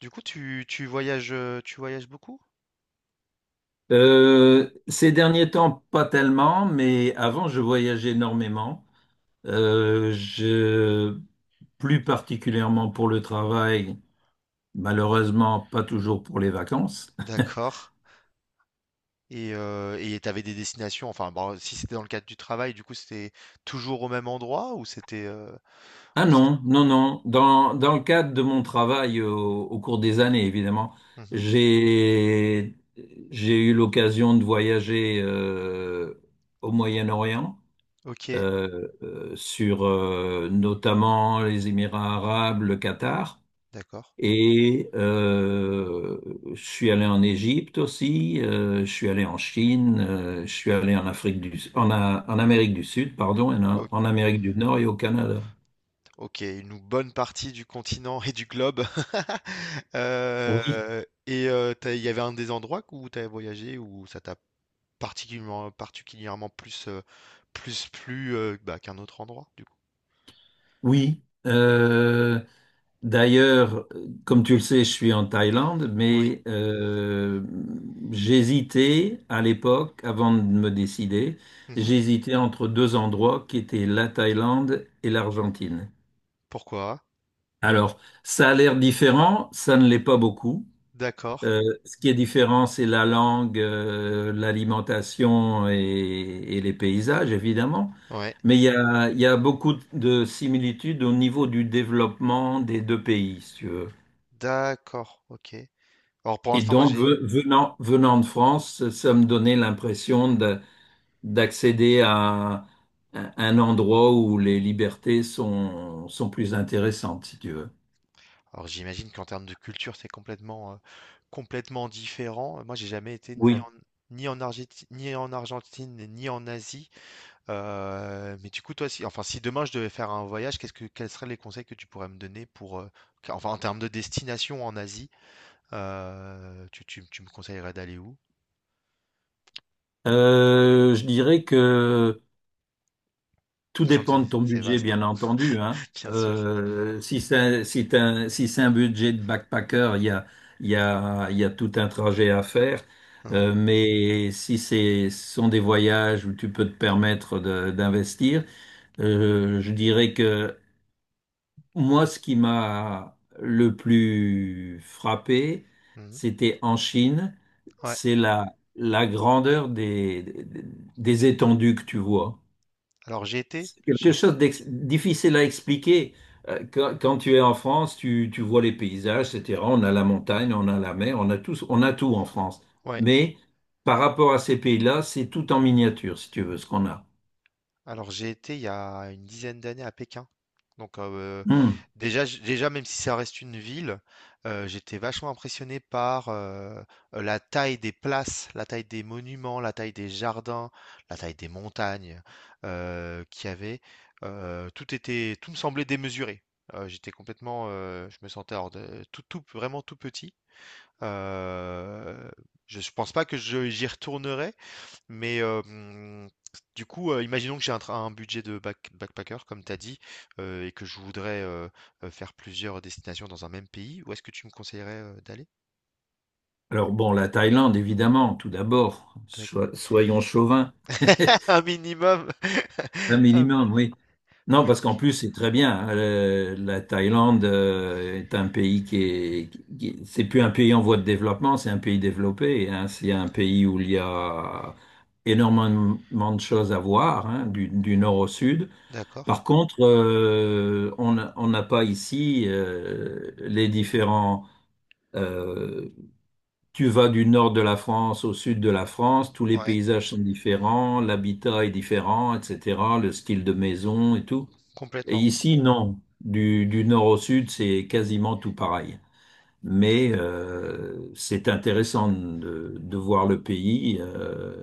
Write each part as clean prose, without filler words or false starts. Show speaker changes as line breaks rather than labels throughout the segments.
Du coup, tu voyages, tu voyages beaucoup?
Ces derniers temps, pas tellement, mais avant, je voyageais énormément. Euh, je, plus particulièrement pour le travail, malheureusement, pas toujours pour les vacances.
D'accord. Et t'avais des destinations, enfin, bon, si c'était dans le cadre du travail, du coup, c'était toujours au même endroit ou c'était
Ah
ou c'est...
non, non, non. Dans le cadre de mon travail au cours des années, évidemment,
Mhm.
j'ai, j'ai eu l'occasion de voyager au Moyen-Orient,
Ok,
sur notamment les Émirats arabes, le Qatar.
d'accord.
Et je suis allé en Égypte aussi, je suis allé en Chine, je suis allé en Amérique du Sud, pardon, et
O-
en Amérique du Nord et au Canada.
Ok, une bonne partie du continent et du globe.
Oui,
Il y avait un des endroits où tu as voyagé où ça t'a particulièrement, plus, plus plu bah, qu'un autre endroit, du coup.
oui. D'ailleurs, comme tu le sais, je suis en Thaïlande,
Oui.
mais j'hésitais à l'époque, avant de me décider,
Mhm.
j'hésitais entre deux endroits qui étaient la Thaïlande et l'Argentine.
Pourquoi?
Alors, ça a l'air différent, ça ne l'est pas beaucoup.
D'accord.
Ce qui est différent, c'est la langue, l'alimentation et les paysages, évidemment.
Ouais.
Mais il y a beaucoup de similitudes au niveau du développement des deux pays, si tu veux.
D'accord, ok. Alors pour
Et
l'instant, moi
donc,
j'ai.
venant de France, ça me donnait l'impression d'accéder à un un endroit où les libertés sont plus intéressantes, si tu veux.
Alors j'imagine qu'en termes de culture, c'est complètement, complètement différent. Moi, j'ai jamais été ni en
Oui.
ni en Argentine, ni en Asie. Mais du coup, toi, si, enfin, si demain je devais faire un voyage, quels seraient les conseils que tu pourrais me donner pour, enfin, en termes de destination en Asie, tu me conseillerais d'aller où?
Je dirais que tout
Sachant que
dépend
c'est
de ton
c'est
budget,
vaste, hein,
bien entendu, hein.
bien sûr.
Si c'est un budget de backpacker, il y a, il y a, il y a tout un trajet à faire.
Mhm,
Mais si ce sont des voyages où tu peux te permettre d'investir, je dirais que moi, ce qui m'a le plus frappé,
mhm.
c'était en Chine,
Ouais.
c'est la grandeur des étendues que tu vois.
Alors j'ai été,
C'est
j'ai,
quelque
f-
chose de difficile à expliquer. Quand tu es en France, tu vois les paysages, etc. On a la montagne, on a la mer, on a tout en France.
Ouais.
Mais par rapport à ces pays-là, c'est tout en miniature, si tu veux, ce qu'on a.
Alors j'ai été il y a une dizaine d'années à Pékin. Donc
Hmm.
déjà, déjà, même si ça reste une ville, j'étais vachement impressionné par la taille des places, la taille des monuments, la taille des jardins, la taille des montagnes qu'il y avait. Tout me semblait démesuré. Je me sentais tout, tout, vraiment tout petit. Euh, je pense pas que j'y retournerai, mais du coup, imaginons que j'ai un budget de backpacker, comme tu as dit, et que je voudrais faire plusieurs destinations dans un même pays. Où est-ce que tu me conseillerais d'aller?
Alors bon, la Thaïlande, évidemment, tout d'abord,
D'ac-
Soyons chauvins,
Un minimum.
un
Un mi-
minimum, oui. Non, parce
ok.
qu'en plus, c'est très bien. La Thaïlande est un pays qui est, c'est plus un pays en voie de développement, c'est un pays développé, hein. C'est un pays où il y a énormément de choses à voir, hein, du nord au sud.
D'accord.
Par contre, on n'a pas ici les différents. euh, tu vas du nord de la France au sud de la France, tous les
Ouais,
paysages sont différents, l'habitat est différent, etc. Le style de maison et tout. Et
complètement.
ici, non. Du nord au sud, c'est quasiment tout pareil. Mais c'est intéressant de voir le pays. euh,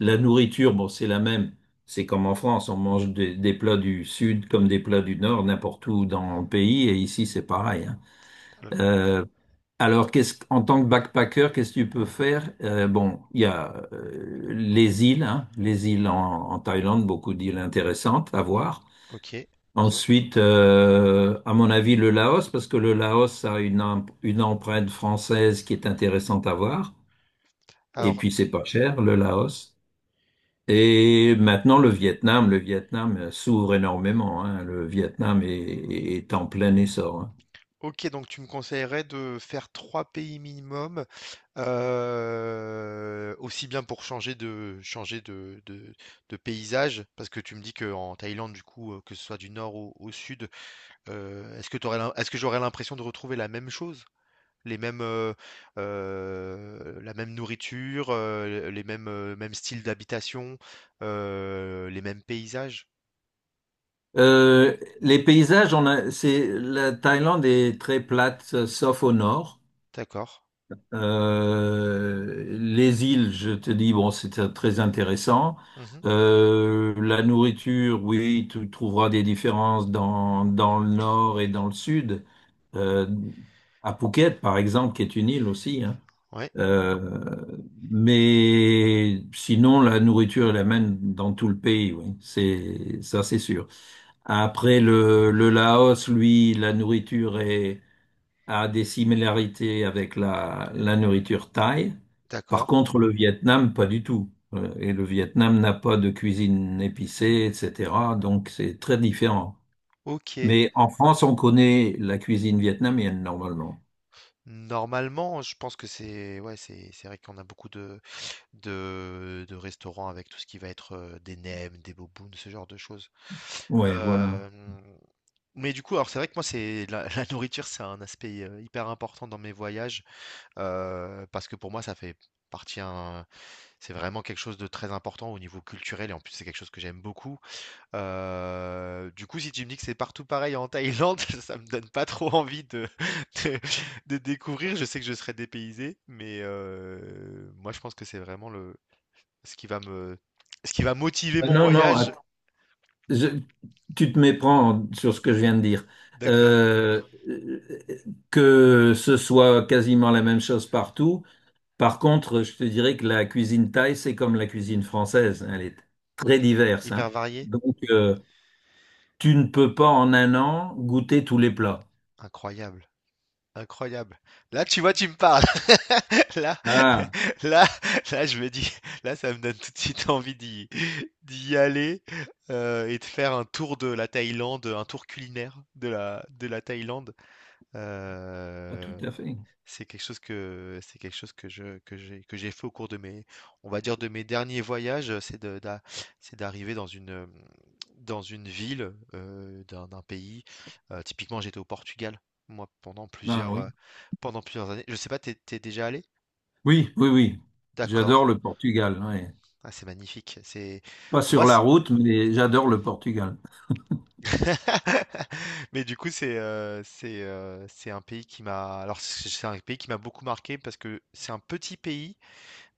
la nourriture, bon, c'est la même. C'est comme en France, on mange des plats du sud comme des plats du nord, n'importe où dans le pays. Et ici, c'est pareil, hein.
Alors,
Euh, alors, en tant que backpacker, qu'est-ce que tu peux faire? Bon, il y a les îles, hein, les îles en Thaïlande, beaucoup d'îles intéressantes à
o-
voir.
Ok.
Ensuite, à mon avis, le Laos, parce que le Laos a une empreinte française qui est intéressante à voir. Et
Alors,
puis, c'est pas cher, le Laos. Et maintenant, le Vietnam. Le Vietnam s'ouvre énormément, hein. Le Vietnam est en plein essor, hein.
OK, donc tu me conseillerais de faire 3 pays minimum, aussi bien pour changer de de paysage, parce que tu me dis qu'en Thaïlande, du coup, que ce soit du nord au sud, est-ce que j'aurais l'impression de retrouver la même chose? Les mêmes, la même nourriture, les mêmes, mêmes styles d'habitation, les mêmes paysages?
Les paysages, la Thaïlande est très plate, sauf au nord.
D'accord.
Les îles, je te dis, bon, c'était très intéressant.
Mmh.
La nourriture, oui, tu trouveras des différences dans le nord et dans le sud. Euh, à Phuket, par exemple, qui est une île aussi, hein.
Ouais,
Euh, mais sinon, la nourriture est la même dans tout le pays, oui, c'est ça, c'est sûr. Après, le Laos, lui, la nourriture est a des similarités avec la nourriture thaï. Par
d'accord.
contre, le Vietnam, pas du tout. Et le Vietnam n'a pas de cuisine épicée, etc. Donc, c'est très différent.
OK.
Mais en France, on connaît la cuisine vietnamienne, normalement.
Normalement, je pense que c'est ouais, c'est vrai qu'on a beaucoup de, de restaurants avec tout ce qui va être des nems, des bobounes, ce genre de choses.
Ouais, voilà.
Euh, mais du coup, alors c'est vrai que moi, la nourriture, c'est un aspect hyper important dans mes voyages parce que pour moi, ça fait partie un, c'est vraiment quelque chose de très important au niveau culturel et en plus, c'est quelque chose que j'aime beaucoup. Du coup, si tu me dis que c'est partout pareil en Thaïlande, ça me donne pas trop envie de de de découvrir. Je sais que je serai dépaysé, mais moi, je pense que c'est vraiment le ce qui va me ce qui va motiver
Ah
mon
non, non,
voyage.
je- tu te méprends sur ce que je viens de dire.
D'accord.
Euh, euh, que ce soit quasiment la même chose partout. Par contre, je te dirais que la cuisine thaï, c'est comme la cuisine française, hein, elle est très diverse,
Hyper
hein.
varié?
Donc, tu ne peux pas en un an goûter tous les plats.
Incroyable. Incroyable. Là, tu vois, tu me parles. Là,
Ah,
là, là, je me dis, là, ça me donne tout de suite envie d'y aller et de faire un tour de la Thaïlande, un tour culinaire de la Thaïlande.
ah, tout
Euh,
à fait.
c'est quelque chose que je que j'ai fait au cours de mes on va dire de mes derniers voyages, c'est d'arriver dans une ville d'un d'un pays. Typiquement, j'étais au Portugal moi
Ah oui.
pendant plusieurs années. Je sais pas, t'es déjà allé?
Oui, oui, oui.
D'accord.
J'adore le Portugal, ouais.
Ah, c'est magnifique. C'est
Pas
pour moi
sur la
c'est-
route, mais j'adore le Portugal.
Mais du coup, c'est un pays qui m'a c'est un pays qui m'a beaucoup marqué parce que c'est un petit pays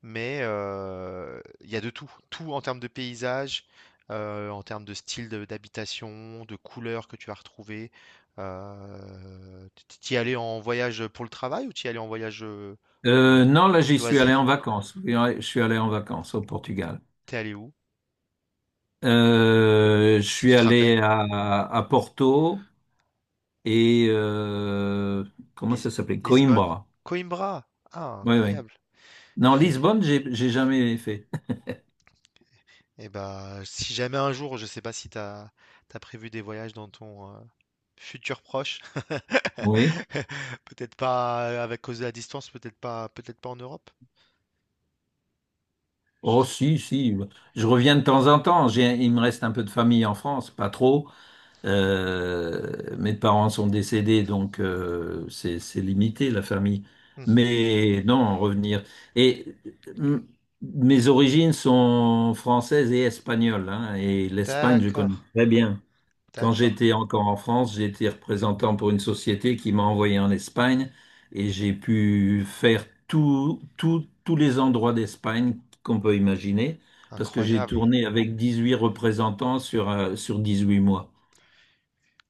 mais il y a de tout, tout en termes de paysage, en termes de d'habitation, de couleurs que tu vas retrouver. Euh, T'y allais en voyage pour le travail ou t'y allais en voyage
Euh,
euh,
non, là, j'y suis allé en
loisir?
vacances. Oui, ouais, je suis allé en vacances au Portugal.
T'es allé où?
Je
Si tu
suis
te rappelles,
allé à Porto et comment
Lis-
ça s'appelait?
Lisbonne,
Coimbra.
Coimbra. Ah,
Oui, oui.
incroyable.
Non,
J'ai-
Lisbonne, j'ai jamais fait.
Eh ben, si jamais un jour, je sais pas si t'as as prévu des voyages dans ton, futur proche.
Oui.
Peut-être pas avec cause de la distance, peut-être pas en Europe. Je
Oh,
sais
si, si. Je reviens de temps en temps. Il me reste un peu de famille en France, pas trop. Mes parents sont décédés, donc c'est limité la famille.
pas. Mhm.
Mais non, revenir. Et mm, mes origines sont françaises et espagnoles, hein, et l'Espagne, je
D'accord.
connais très bien. Quand
D'accord.
j'étais encore en France, j'étais représentant pour une société qui m'a envoyé en Espagne et j'ai pu faire tous les endroits d'Espagne qu'on peut imaginer parce que j'ai
Incroyable.
tourné avec 18 représentants sur 18 mois.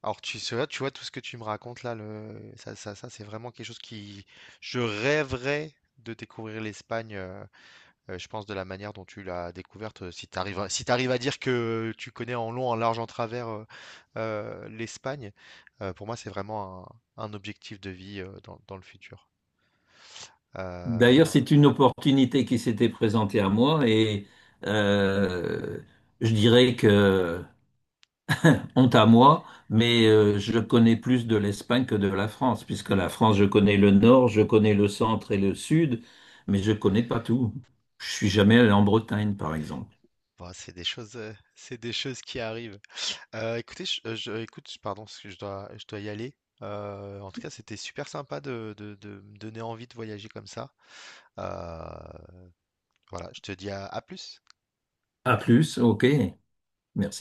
Alors tu sais, tu vois tout ce que tu me racontes là, ça, c'est vraiment quelque chose qui... Je rêverais de découvrir l'Espagne, je pense, de la manière dont tu l'as découverte. Si tu arrives à... si t'arrives à dire que tu connais en long, en large, en travers l'Espagne, pour moi c'est vraiment un objectif de vie dans dans le futur.
D'ailleurs,
Euh,
c'est une opportunité qui s'était présentée à moi et euh, je dirais que honte à moi, mais je connais plus de l'Espagne que de la France, puisque la France, je connais le nord, je connais le centre et le sud, mais je connais pas tout. Je suis jamais allé en Bretagne, par exemple.
bon, c'est des choses, c'est des choses qui arrivent. Écoute, pardon, parce que je dois y aller. En tout cas, c'était super sympa de me donner envie de voyager comme ça. Euh, voilà, je te dis à plus.
À plus, ok, merci.